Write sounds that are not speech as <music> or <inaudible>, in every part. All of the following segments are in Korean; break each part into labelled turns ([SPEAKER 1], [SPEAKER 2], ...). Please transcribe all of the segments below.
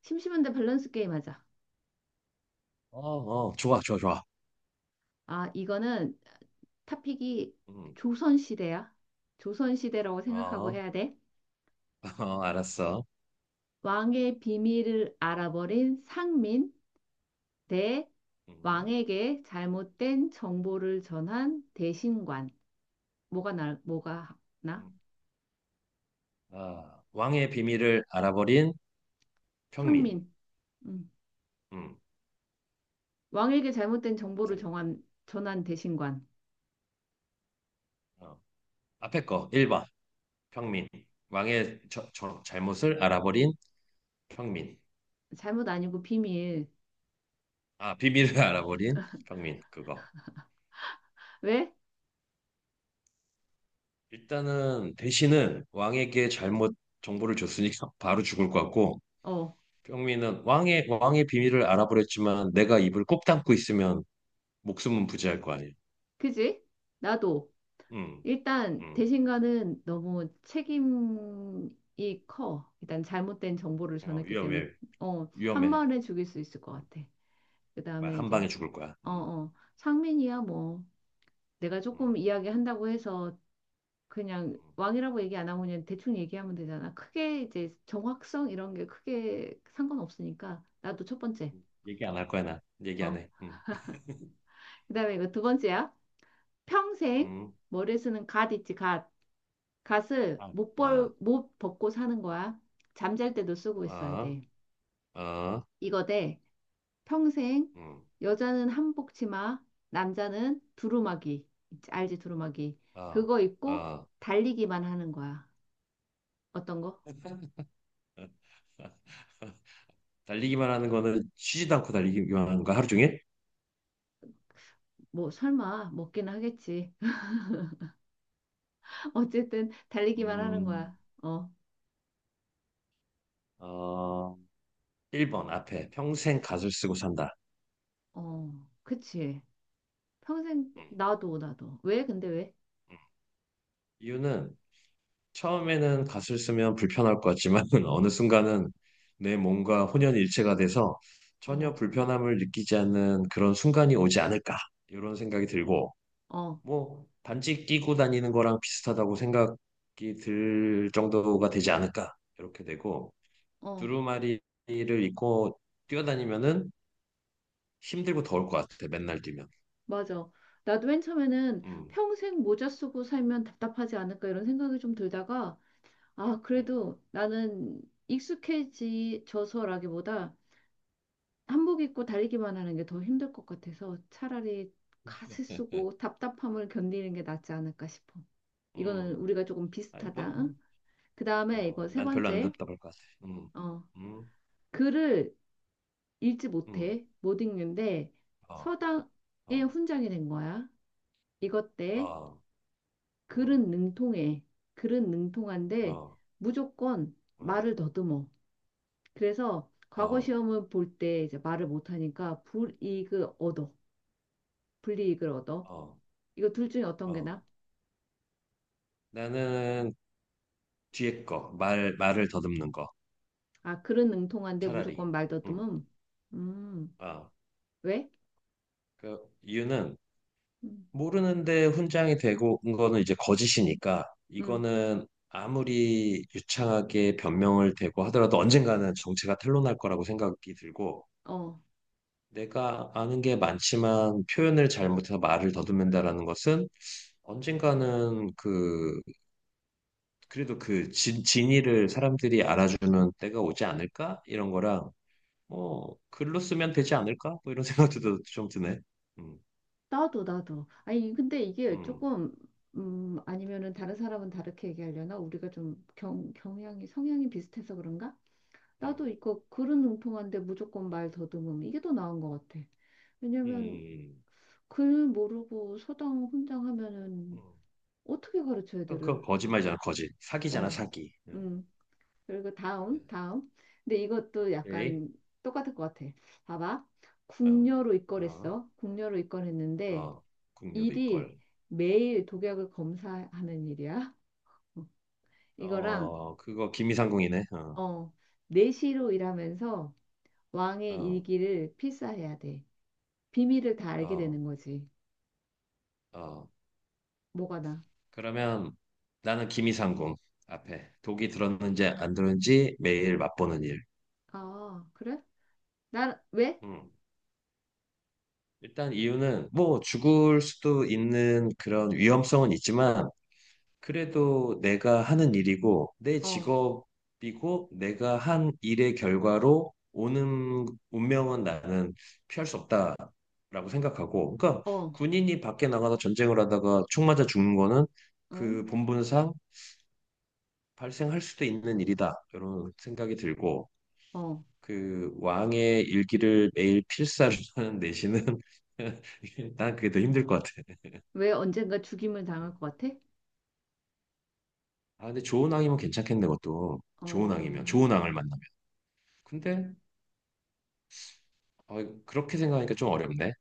[SPEAKER 1] 심심한데 밸런스 게임 하자.
[SPEAKER 2] 어, 어, 좋아, 좋아, 좋아.
[SPEAKER 1] 아, 이거는 탑픽이
[SPEAKER 2] 음,
[SPEAKER 1] 조선시대야. 조선시대라고 생각하고
[SPEAKER 2] 어,
[SPEAKER 1] 해야 돼.
[SPEAKER 2] <laughs> 어, 알았어.
[SPEAKER 1] 왕의 비밀을 알아버린 상민 대
[SPEAKER 2] 음,
[SPEAKER 1] 왕에게 잘못된 정보를 전한 대신관. 뭐가 나?
[SPEAKER 2] 음. 아, 왕의 비밀을 알아버린 평민.
[SPEAKER 1] 상민. 음.
[SPEAKER 2] 음,
[SPEAKER 1] 왕에게 잘못된 정보를
[SPEAKER 2] 상-
[SPEAKER 1] 전한 대신관.
[SPEAKER 2] 어, 앞에 거 1번 평민. 왕의 잘못을 알아버린 평민.
[SPEAKER 1] 잘못 아니고 비밀.
[SPEAKER 2] 아, 비밀을 <laughs> 알아버린 평민. 그거.
[SPEAKER 1] 왜?
[SPEAKER 2] 일단은 대신은 왕에게 잘못 정보를 줬으니까 <laughs> 바로 죽을 것 같고,
[SPEAKER 1] 어,
[SPEAKER 2] 평민은 왕의 비밀을 알아버렸지만 내가 입을 꼭 담고 있으면 목숨은 부재할 거 아니야.
[SPEAKER 1] 그지? 나도.
[SPEAKER 2] 음,
[SPEAKER 1] 일단
[SPEAKER 2] 음,
[SPEAKER 1] 대신가는 너무 책임이 커. 일단 잘못된 정보를
[SPEAKER 2] 어,
[SPEAKER 1] 전했기 때문에
[SPEAKER 2] 위험해,
[SPEAKER 1] 어, 한
[SPEAKER 2] 위험해.
[SPEAKER 1] 번에 죽일 수 있을 것
[SPEAKER 2] 음,
[SPEAKER 1] 같아. 그다음에
[SPEAKER 2] 한
[SPEAKER 1] 이제
[SPEAKER 2] 방에 죽을 거야.
[SPEAKER 1] 상민이야 뭐 내가 조금
[SPEAKER 2] 음,
[SPEAKER 1] 이야기한다고 해서 그냥 왕이라고 얘기 안 하고 그냥 대충 얘기하면 되잖아. 크게 이제 정확성 이런 게 크게 상관없으니까 나도 첫 번째.
[SPEAKER 2] 얘기 안 할 거야, 나. 얘기 안
[SPEAKER 1] 어.
[SPEAKER 2] 해.
[SPEAKER 1] 그다음에 이거 두 번째야. 평생
[SPEAKER 2] 음,
[SPEAKER 1] 머리에 쓰는 갓 있지, 갓. 갓을
[SPEAKER 2] 아, 아,
[SPEAKER 1] 못 벗고 사는 거야. 잠잘 때도 쓰고 있어야
[SPEAKER 2] 아,
[SPEAKER 1] 돼.
[SPEAKER 2] 아,
[SPEAKER 1] 이거 대 평생
[SPEAKER 2] 음,
[SPEAKER 1] 여자는 한복 치마, 남자는 두루마기. 알지, 두루마기.
[SPEAKER 2] 아,
[SPEAKER 1] 그거 입고
[SPEAKER 2] 아.
[SPEAKER 1] 달리기만 하는 거야. 어떤 거?
[SPEAKER 2] 달리기만 하는 거는 쉬지도 않고 달리기만 하는 거 하루 종일?
[SPEAKER 1] 뭐 설마 먹기는 하겠지. <laughs> 어쨌든 달리기만 하는
[SPEAKER 2] 음,
[SPEAKER 1] 거야. 어,
[SPEAKER 2] 어, 1번 앞에 평생 갓을 쓰고 산다.
[SPEAKER 1] 그치. 평생
[SPEAKER 2] 음,
[SPEAKER 1] 나도 나도. 왜? 근데 왜?
[SPEAKER 2] 음. 이유는 처음에는 갓을 쓰면 불편할 것 같지만 <laughs> 어느 순간은 내 몸과 혼연일체가 돼서 전혀
[SPEAKER 1] 어,
[SPEAKER 2] 불편함을 느끼지 않는 그런 순간이 오지 않을까 이런 생각이 들고
[SPEAKER 1] 어,
[SPEAKER 2] 뭐 반지 끼고 다니는 거랑 비슷하다고 생각이 들 정도가 되지 않을까 이렇게 되고
[SPEAKER 1] 어.
[SPEAKER 2] 두루마리를 입고 뛰어다니면은 힘들고 더울 것 같아 맨날 뛰면
[SPEAKER 1] 맞아. 나도 맨 처음에는
[SPEAKER 2] 음,
[SPEAKER 1] 평생 모자 쓰고 살면 답답하지 않을까 이런 생각이 좀 들다가, 아,
[SPEAKER 2] 음,
[SPEAKER 1] 그래도 나는 익숙해지져서라기보다 한복 입고 달리기만 하는 게 더 힘들 것 같아서 차라리 갓을 쓰고 답답함을 견디는 게 낫지 않을까 싶어. 이거는
[SPEAKER 2] 음.
[SPEAKER 1] 우리가 조금
[SPEAKER 2] 아니 뭐,
[SPEAKER 1] 비슷하다. 그 다음에
[SPEAKER 2] 어,
[SPEAKER 1] 이거 세
[SPEAKER 2] 난 별로 안
[SPEAKER 1] 번째,
[SPEAKER 2] 답답할 것 같아 음,
[SPEAKER 1] 어,
[SPEAKER 2] 음,
[SPEAKER 1] 글을 읽지
[SPEAKER 2] 음.
[SPEAKER 1] 못해. 못 읽는데
[SPEAKER 2] 어.
[SPEAKER 1] 서당의
[SPEAKER 2] 어.
[SPEAKER 1] 훈장이 된 거야. 이것 때
[SPEAKER 2] 어, 음,
[SPEAKER 1] 글은 능통해. 글은 능통한데
[SPEAKER 2] 어,
[SPEAKER 1] 무조건
[SPEAKER 2] 음,
[SPEAKER 1] 말을 더듬어. 그래서 과거
[SPEAKER 2] 어,
[SPEAKER 1] 시험을 볼 때 이제 말을 못하니까 불이익을 얻어. 불이익을 얻어.
[SPEAKER 2] 어,
[SPEAKER 1] 이거 둘 중에 어떤 게
[SPEAKER 2] 어.
[SPEAKER 1] 나?
[SPEAKER 2] 나는 뒤에 거, 말을 더듬는 거.
[SPEAKER 1] 아, 글은 능통한데
[SPEAKER 2] 차라리.
[SPEAKER 1] 무조건 말
[SPEAKER 2] 음,
[SPEAKER 1] 더듬음. 음,
[SPEAKER 2] 아,
[SPEAKER 1] 왜?
[SPEAKER 2] 그 이유는
[SPEAKER 1] 음,
[SPEAKER 2] 모르는데 훈장이 되고 온 거는 이제 거짓이니까
[SPEAKER 1] 음,
[SPEAKER 2] 이거는 아무리 유창하게 변명을 대고 하더라도 언젠가는 정체가 탄로날 거라고 생각이 들고
[SPEAKER 1] 어.
[SPEAKER 2] 내가 아는 게 많지만 표현을 잘못해서 말을 더듬는다라는 것은 언젠가는 그 그래도 그 진위를 사람들이 알아주는 때가 오지 않을까? 이런 거랑 뭐 글로 쓰면 되지 않을까? 뭐 이런 <laughs> 생각도 좀 드네. 음,
[SPEAKER 1] 나도. 아니, 근데 이게
[SPEAKER 2] 음,
[SPEAKER 1] 조금, 아니면은 다른 사람은 다르게 얘기하려나? 우리가 좀 경향이, 성향이 비슷해서 그런가? 나도
[SPEAKER 2] 음,
[SPEAKER 1] 이거 글은 능통한데 무조건 말 더듬음 이게 더 나은 것 같아. 왜냐면
[SPEAKER 2] 음,
[SPEAKER 1] 글 모르고 서당 혼장 하면은
[SPEAKER 2] 음.
[SPEAKER 1] 어떻게 가르쳐
[SPEAKER 2] 그건
[SPEAKER 1] 애들을?
[SPEAKER 2] 거짓말이잖아, 거짓. 사기잖아,
[SPEAKER 1] 어,
[SPEAKER 2] 사기.
[SPEAKER 1] 음. 그리고
[SPEAKER 2] 음.
[SPEAKER 1] 다음. 근데 이것도
[SPEAKER 2] 에이,
[SPEAKER 1] 약간 똑같을 것 같아. 봐봐.
[SPEAKER 2] 어,
[SPEAKER 1] 궁녀로
[SPEAKER 2] 어,
[SPEAKER 1] 입건했어. 궁녀로 입건했는데
[SPEAKER 2] 어, 국료로
[SPEAKER 1] 일이
[SPEAKER 2] 이걸.
[SPEAKER 1] 매일 독약을 검사하는 일이야. 어, 이거랑
[SPEAKER 2] 어, 그거 김이상궁이네. 어,
[SPEAKER 1] 어, 내시로 일하면서 왕의
[SPEAKER 2] 어,
[SPEAKER 1] 일기를 필사해야 돼. 비밀을 다 알게
[SPEAKER 2] 어,
[SPEAKER 1] 되는 거지.
[SPEAKER 2] 어.
[SPEAKER 1] 뭐가 나?
[SPEAKER 2] 그러면 나는 김이상궁 앞에 독이 들었는지 안 들었는지 매일 맛보는 일.
[SPEAKER 1] 아, 그래? 나, 왜?
[SPEAKER 2] 음. 일단 이유는 뭐 죽을 수도 있는 그런 위험성은 있지만 그래도 내가 하는 일이고 내
[SPEAKER 1] 어,
[SPEAKER 2] 직업이고 내가 한 일의 결과로 오는 운명은 나는 피할 수 없다라고 생각하고 그러니까
[SPEAKER 1] 어,
[SPEAKER 2] 군인이 밖에 나가서 전쟁을 하다가 총 맞아 죽는 거는
[SPEAKER 1] 어,
[SPEAKER 2] 그 본분상 발생할 수도 있는 일이다 이런 생각이 들고
[SPEAKER 1] 어.
[SPEAKER 2] 그 왕의 일기를 매일 필사를 하는 내신은 <laughs> 난 그게 더 힘들 것 같아.
[SPEAKER 1] 왜 언젠가 죽임을 당할
[SPEAKER 2] 음.
[SPEAKER 1] 것 같아?
[SPEAKER 2] 아, 근데 좋은 왕이면 괜찮겠네, 그것도. 좋은 왕이면,
[SPEAKER 1] 어,
[SPEAKER 2] 좋은 왕을 만나면. 근데, 어, 그렇게 생각하니까 좀 어렵네.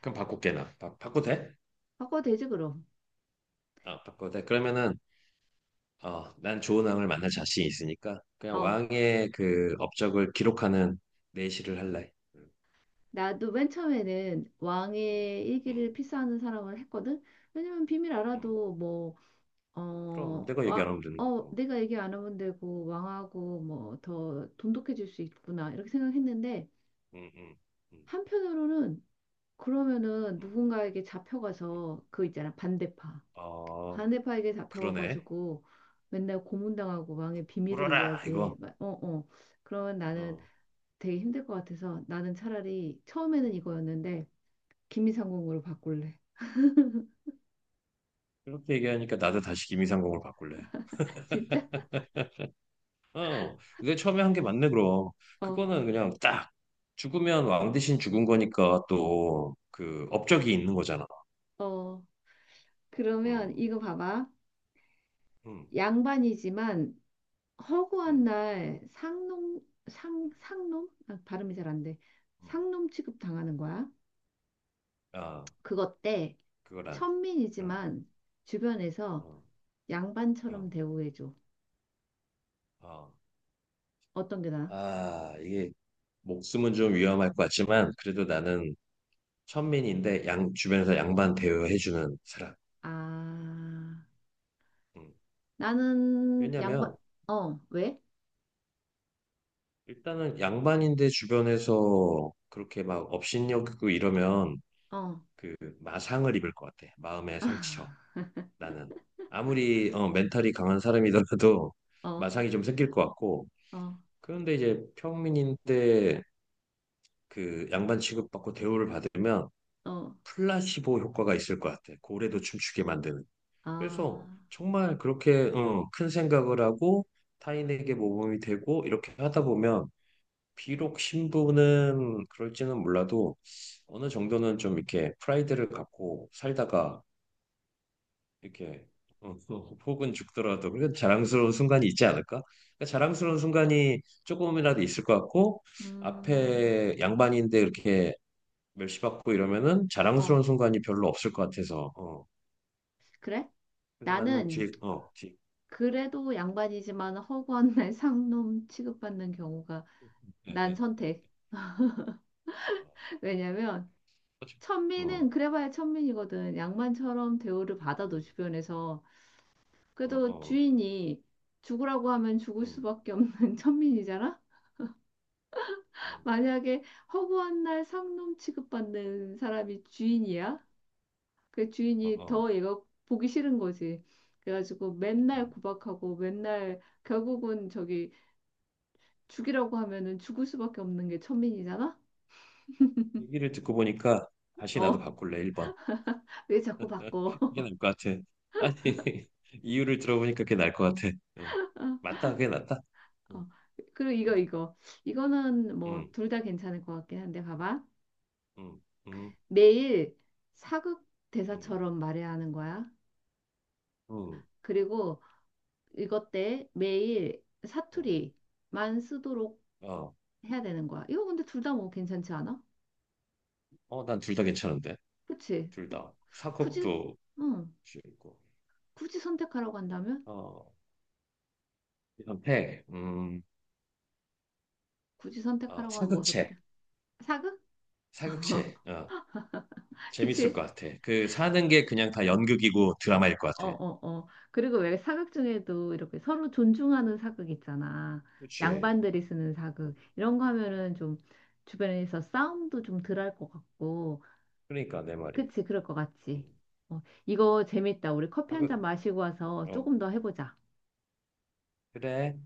[SPEAKER 2] 그럼 바꿀게나. 바꿔도 돼?
[SPEAKER 1] 바꿔되지, 그럼.
[SPEAKER 2] 어, 바꿔도 돼. 그러면은, 어, 난 좋은 왕을 만날 자신이 있으니까, 그냥
[SPEAKER 1] 어,
[SPEAKER 2] 왕의 그 업적을 기록하는 내시를 할래. 음,
[SPEAKER 1] 나도 맨 처음에는 왕의
[SPEAKER 2] 음,
[SPEAKER 1] 일기를 필사하는 사람을 했거든? 왜냐면 비밀
[SPEAKER 2] 음.
[SPEAKER 1] 알아도 뭐,
[SPEAKER 2] 그럼
[SPEAKER 1] 어,
[SPEAKER 2] 내가 얘기 안
[SPEAKER 1] 와,
[SPEAKER 2] 하면 되는
[SPEAKER 1] 어,
[SPEAKER 2] 거고.
[SPEAKER 1] 내가 얘기 안 하면 되고, 왕하고 뭐 더 돈독해질 수 있구나, 이렇게 생각했는데,
[SPEAKER 2] 음, 음, 음,
[SPEAKER 1] 한편으로는 그러면은
[SPEAKER 2] 음,
[SPEAKER 1] 누군가에게
[SPEAKER 2] 음.
[SPEAKER 1] 잡혀가서 그 있잖아, 반대파.
[SPEAKER 2] 어,
[SPEAKER 1] 반대파에게
[SPEAKER 2] 그러네.
[SPEAKER 1] 잡혀가지고 맨날 고문당하고 왕의 비밀을
[SPEAKER 2] 울어라,
[SPEAKER 1] 이야기해.
[SPEAKER 2] 이거.
[SPEAKER 1] 막, 어, 어. 그러면 나는
[SPEAKER 2] 어,
[SPEAKER 1] 되게 힘들 것 같아서 나는 차라리 처음에는
[SPEAKER 2] 음.
[SPEAKER 1] 이거였는데 김미상공으로 바꿀래.
[SPEAKER 2] 그렇게 얘기하니까 나도 다시 김이상공을 바꿀래.
[SPEAKER 1] <laughs> 진짜?
[SPEAKER 2] 어, 내가 처음에 한 게 맞네, 그럼.
[SPEAKER 1] 어,
[SPEAKER 2] 그거는 그냥 딱 죽으면 왕 대신 죽은 거니까 또 그 업적이 있는 거잖아.
[SPEAKER 1] 어. 그러면
[SPEAKER 2] 음,
[SPEAKER 1] 이거 봐봐.
[SPEAKER 2] 음,
[SPEAKER 1] 양반이지만 허구한
[SPEAKER 2] 음,
[SPEAKER 1] 날 상놈? 아, 발음이 잘 안 돼.
[SPEAKER 2] 음.
[SPEAKER 1] 상놈 취급
[SPEAKER 2] 음.
[SPEAKER 1] 당하는 거야.
[SPEAKER 2] 아,
[SPEAKER 1] 그것 때
[SPEAKER 2] 그거란. 음,
[SPEAKER 1] 천민이지만
[SPEAKER 2] 어,
[SPEAKER 1] 주변에서
[SPEAKER 2] 어,
[SPEAKER 1] 양반처럼 대우해줘.
[SPEAKER 2] 어.
[SPEAKER 1] 어떤 게 나아?
[SPEAKER 2] 아, 이게 목숨은 좀 위험할 것 같지만 그래도 나는 천민인데 양 주변에서 양반 대우해주는 사람.
[SPEAKER 1] 아,
[SPEAKER 2] 음.
[SPEAKER 1] 나는 양반,
[SPEAKER 2] 왜냐면
[SPEAKER 1] 어, 왜?
[SPEAKER 2] 일단은 양반인데 주변에서 그렇게 막 업신여기고 이러면
[SPEAKER 1] 어,
[SPEAKER 2] 그 마상을 입을 것 같아. 마음의 상처.
[SPEAKER 1] 아, <laughs>
[SPEAKER 2] 나는 아무리 멘탈이 강한 사람이더라도
[SPEAKER 1] 어,
[SPEAKER 2] 마상이 좀 생길 것 같고.
[SPEAKER 1] 어,
[SPEAKER 2] 그런데 이제 평민인데 그 양반 취급받고 대우를 받으면
[SPEAKER 1] 어,
[SPEAKER 2] 플라시보 효과가 있을 것 같아. 고래도 춤추게 만드는.
[SPEAKER 1] 아,
[SPEAKER 2] 그래서 정말 그렇게 큰 생각을 하고 타인에게 모범이 되고 이렇게 하다 보면 비록 신부는 그럴지는 몰라도 어느 정도는 좀 이렇게 프라이드를 갖고 살다가 이렇게 또 혹은 죽더라도 그런 자랑스러운 순간이 있지 않을까? 그러니까 자랑스러운 순간이 조금이라도 있을 것 같고
[SPEAKER 1] 음,
[SPEAKER 2] 앞에 양반인데 이렇게 멸시받고 이러면은
[SPEAKER 1] 어,
[SPEAKER 2] 자랑스러운 순간이 별로 없을 것 같아서 어.
[SPEAKER 1] 그래?
[SPEAKER 2] 그래서 나는
[SPEAKER 1] 나는
[SPEAKER 2] 뒤에
[SPEAKER 1] 그래도 양반이지만 허구한 날 <laughs> 상놈 취급받는 경우가 난 선택.
[SPEAKER 2] 어,
[SPEAKER 1] <laughs> 왜냐면
[SPEAKER 2] 그치? 어,
[SPEAKER 1] 천민은 그래봐야 천민이거든. 양반처럼 대우를 받아도 주변에서
[SPEAKER 2] 어,
[SPEAKER 1] 그래도
[SPEAKER 2] 어,
[SPEAKER 1] 주인이 죽으라고 하면 죽을
[SPEAKER 2] 음,
[SPEAKER 1] 수밖에 없는 <laughs> 천민이잖아.
[SPEAKER 2] 음,
[SPEAKER 1] 만약에 허구한 날 상놈 취급받는 사람이 주인이야? 그
[SPEAKER 2] 어,
[SPEAKER 1] 주인이
[SPEAKER 2] 어,
[SPEAKER 1] 더 얘가 보기 싫은 거지. 그래가지고 맨날
[SPEAKER 2] 음.
[SPEAKER 1] 구박하고 맨날 결국은 저기 죽이라고 하면은 죽을 수밖에 없는 게 천민이잖아?
[SPEAKER 2] 얘기를 듣고 보니까 다시 나도
[SPEAKER 1] 어,
[SPEAKER 2] 바꿀래 1번.
[SPEAKER 1] <laughs> 왜 자꾸
[SPEAKER 2] 그게
[SPEAKER 1] 바꿔?
[SPEAKER 2] <laughs> 나을 것 같아. 아니 <laughs> 이유를 들어보니까 그게 나을 것 같아. 어.
[SPEAKER 1] <laughs>
[SPEAKER 2] 맞다, 그게 낫다.
[SPEAKER 1] 어, 그리고 이거
[SPEAKER 2] 음,
[SPEAKER 1] 이거 이거는 뭐
[SPEAKER 2] 음,
[SPEAKER 1] 둘 다 괜찮을 것 같긴 한데 봐봐
[SPEAKER 2] 음,
[SPEAKER 1] 매일 사극
[SPEAKER 2] 음,
[SPEAKER 1] 대사처럼 말해야 하는 거야
[SPEAKER 2] 음,
[SPEAKER 1] 그리고 이것 때 매일
[SPEAKER 2] 음.
[SPEAKER 1] 사투리만 쓰도록
[SPEAKER 2] 어,
[SPEAKER 1] 해야 되는 거야. 이거 근데 둘 다 뭐 괜찮지 않아?
[SPEAKER 2] 어, 난 둘 다 괜찮은데.
[SPEAKER 1] 그치?
[SPEAKER 2] 둘 다.
[SPEAKER 1] 굳이,
[SPEAKER 2] 사극도
[SPEAKER 1] 응,
[SPEAKER 2] 재밌고.
[SPEAKER 1] 굳이 선택하라고 한다면?
[SPEAKER 2] 어, 현태,
[SPEAKER 1] 굳이
[SPEAKER 2] 어,
[SPEAKER 1] 선택하라고 하면 뭐
[SPEAKER 2] 사극체,
[SPEAKER 1] 쓰거든? 사극?
[SPEAKER 2] 사극체.
[SPEAKER 1] <laughs>
[SPEAKER 2] 어, 재밌을 것
[SPEAKER 1] 그치?
[SPEAKER 2] 같아. 그 사는 게 그냥 다 연극이고 드라마일 것
[SPEAKER 1] 어,
[SPEAKER 2] 같아.
[SPEAKER 1] 어, 어. 그리고 왜 사극 중에도 이렇게 서로 존중하는 사극 있잖아.
[SPEAKER 2] 그치.
[SPEAKER 1] 양반들이 쓰는 사극. 이런 거 하면은 좀 주변에서 싸움도 좀 덜 할 것 같고.
[SPEAKER 2] 그러니까 내 말이.
[SPEAKER 1] 그치? 그럴 것 같지?
[SPEAKER 2] 음,
[SPEAKER 1] 어, 이거 재밌다. 우리 커피 한
[SPEAKER 2] 사극,
[SPEAKER 1] 잔 마시고 와서
[SPEAKER 2] 어,
[SPEAKER 1] 조금 더 해보자.
[SPEAKER 2] 그래.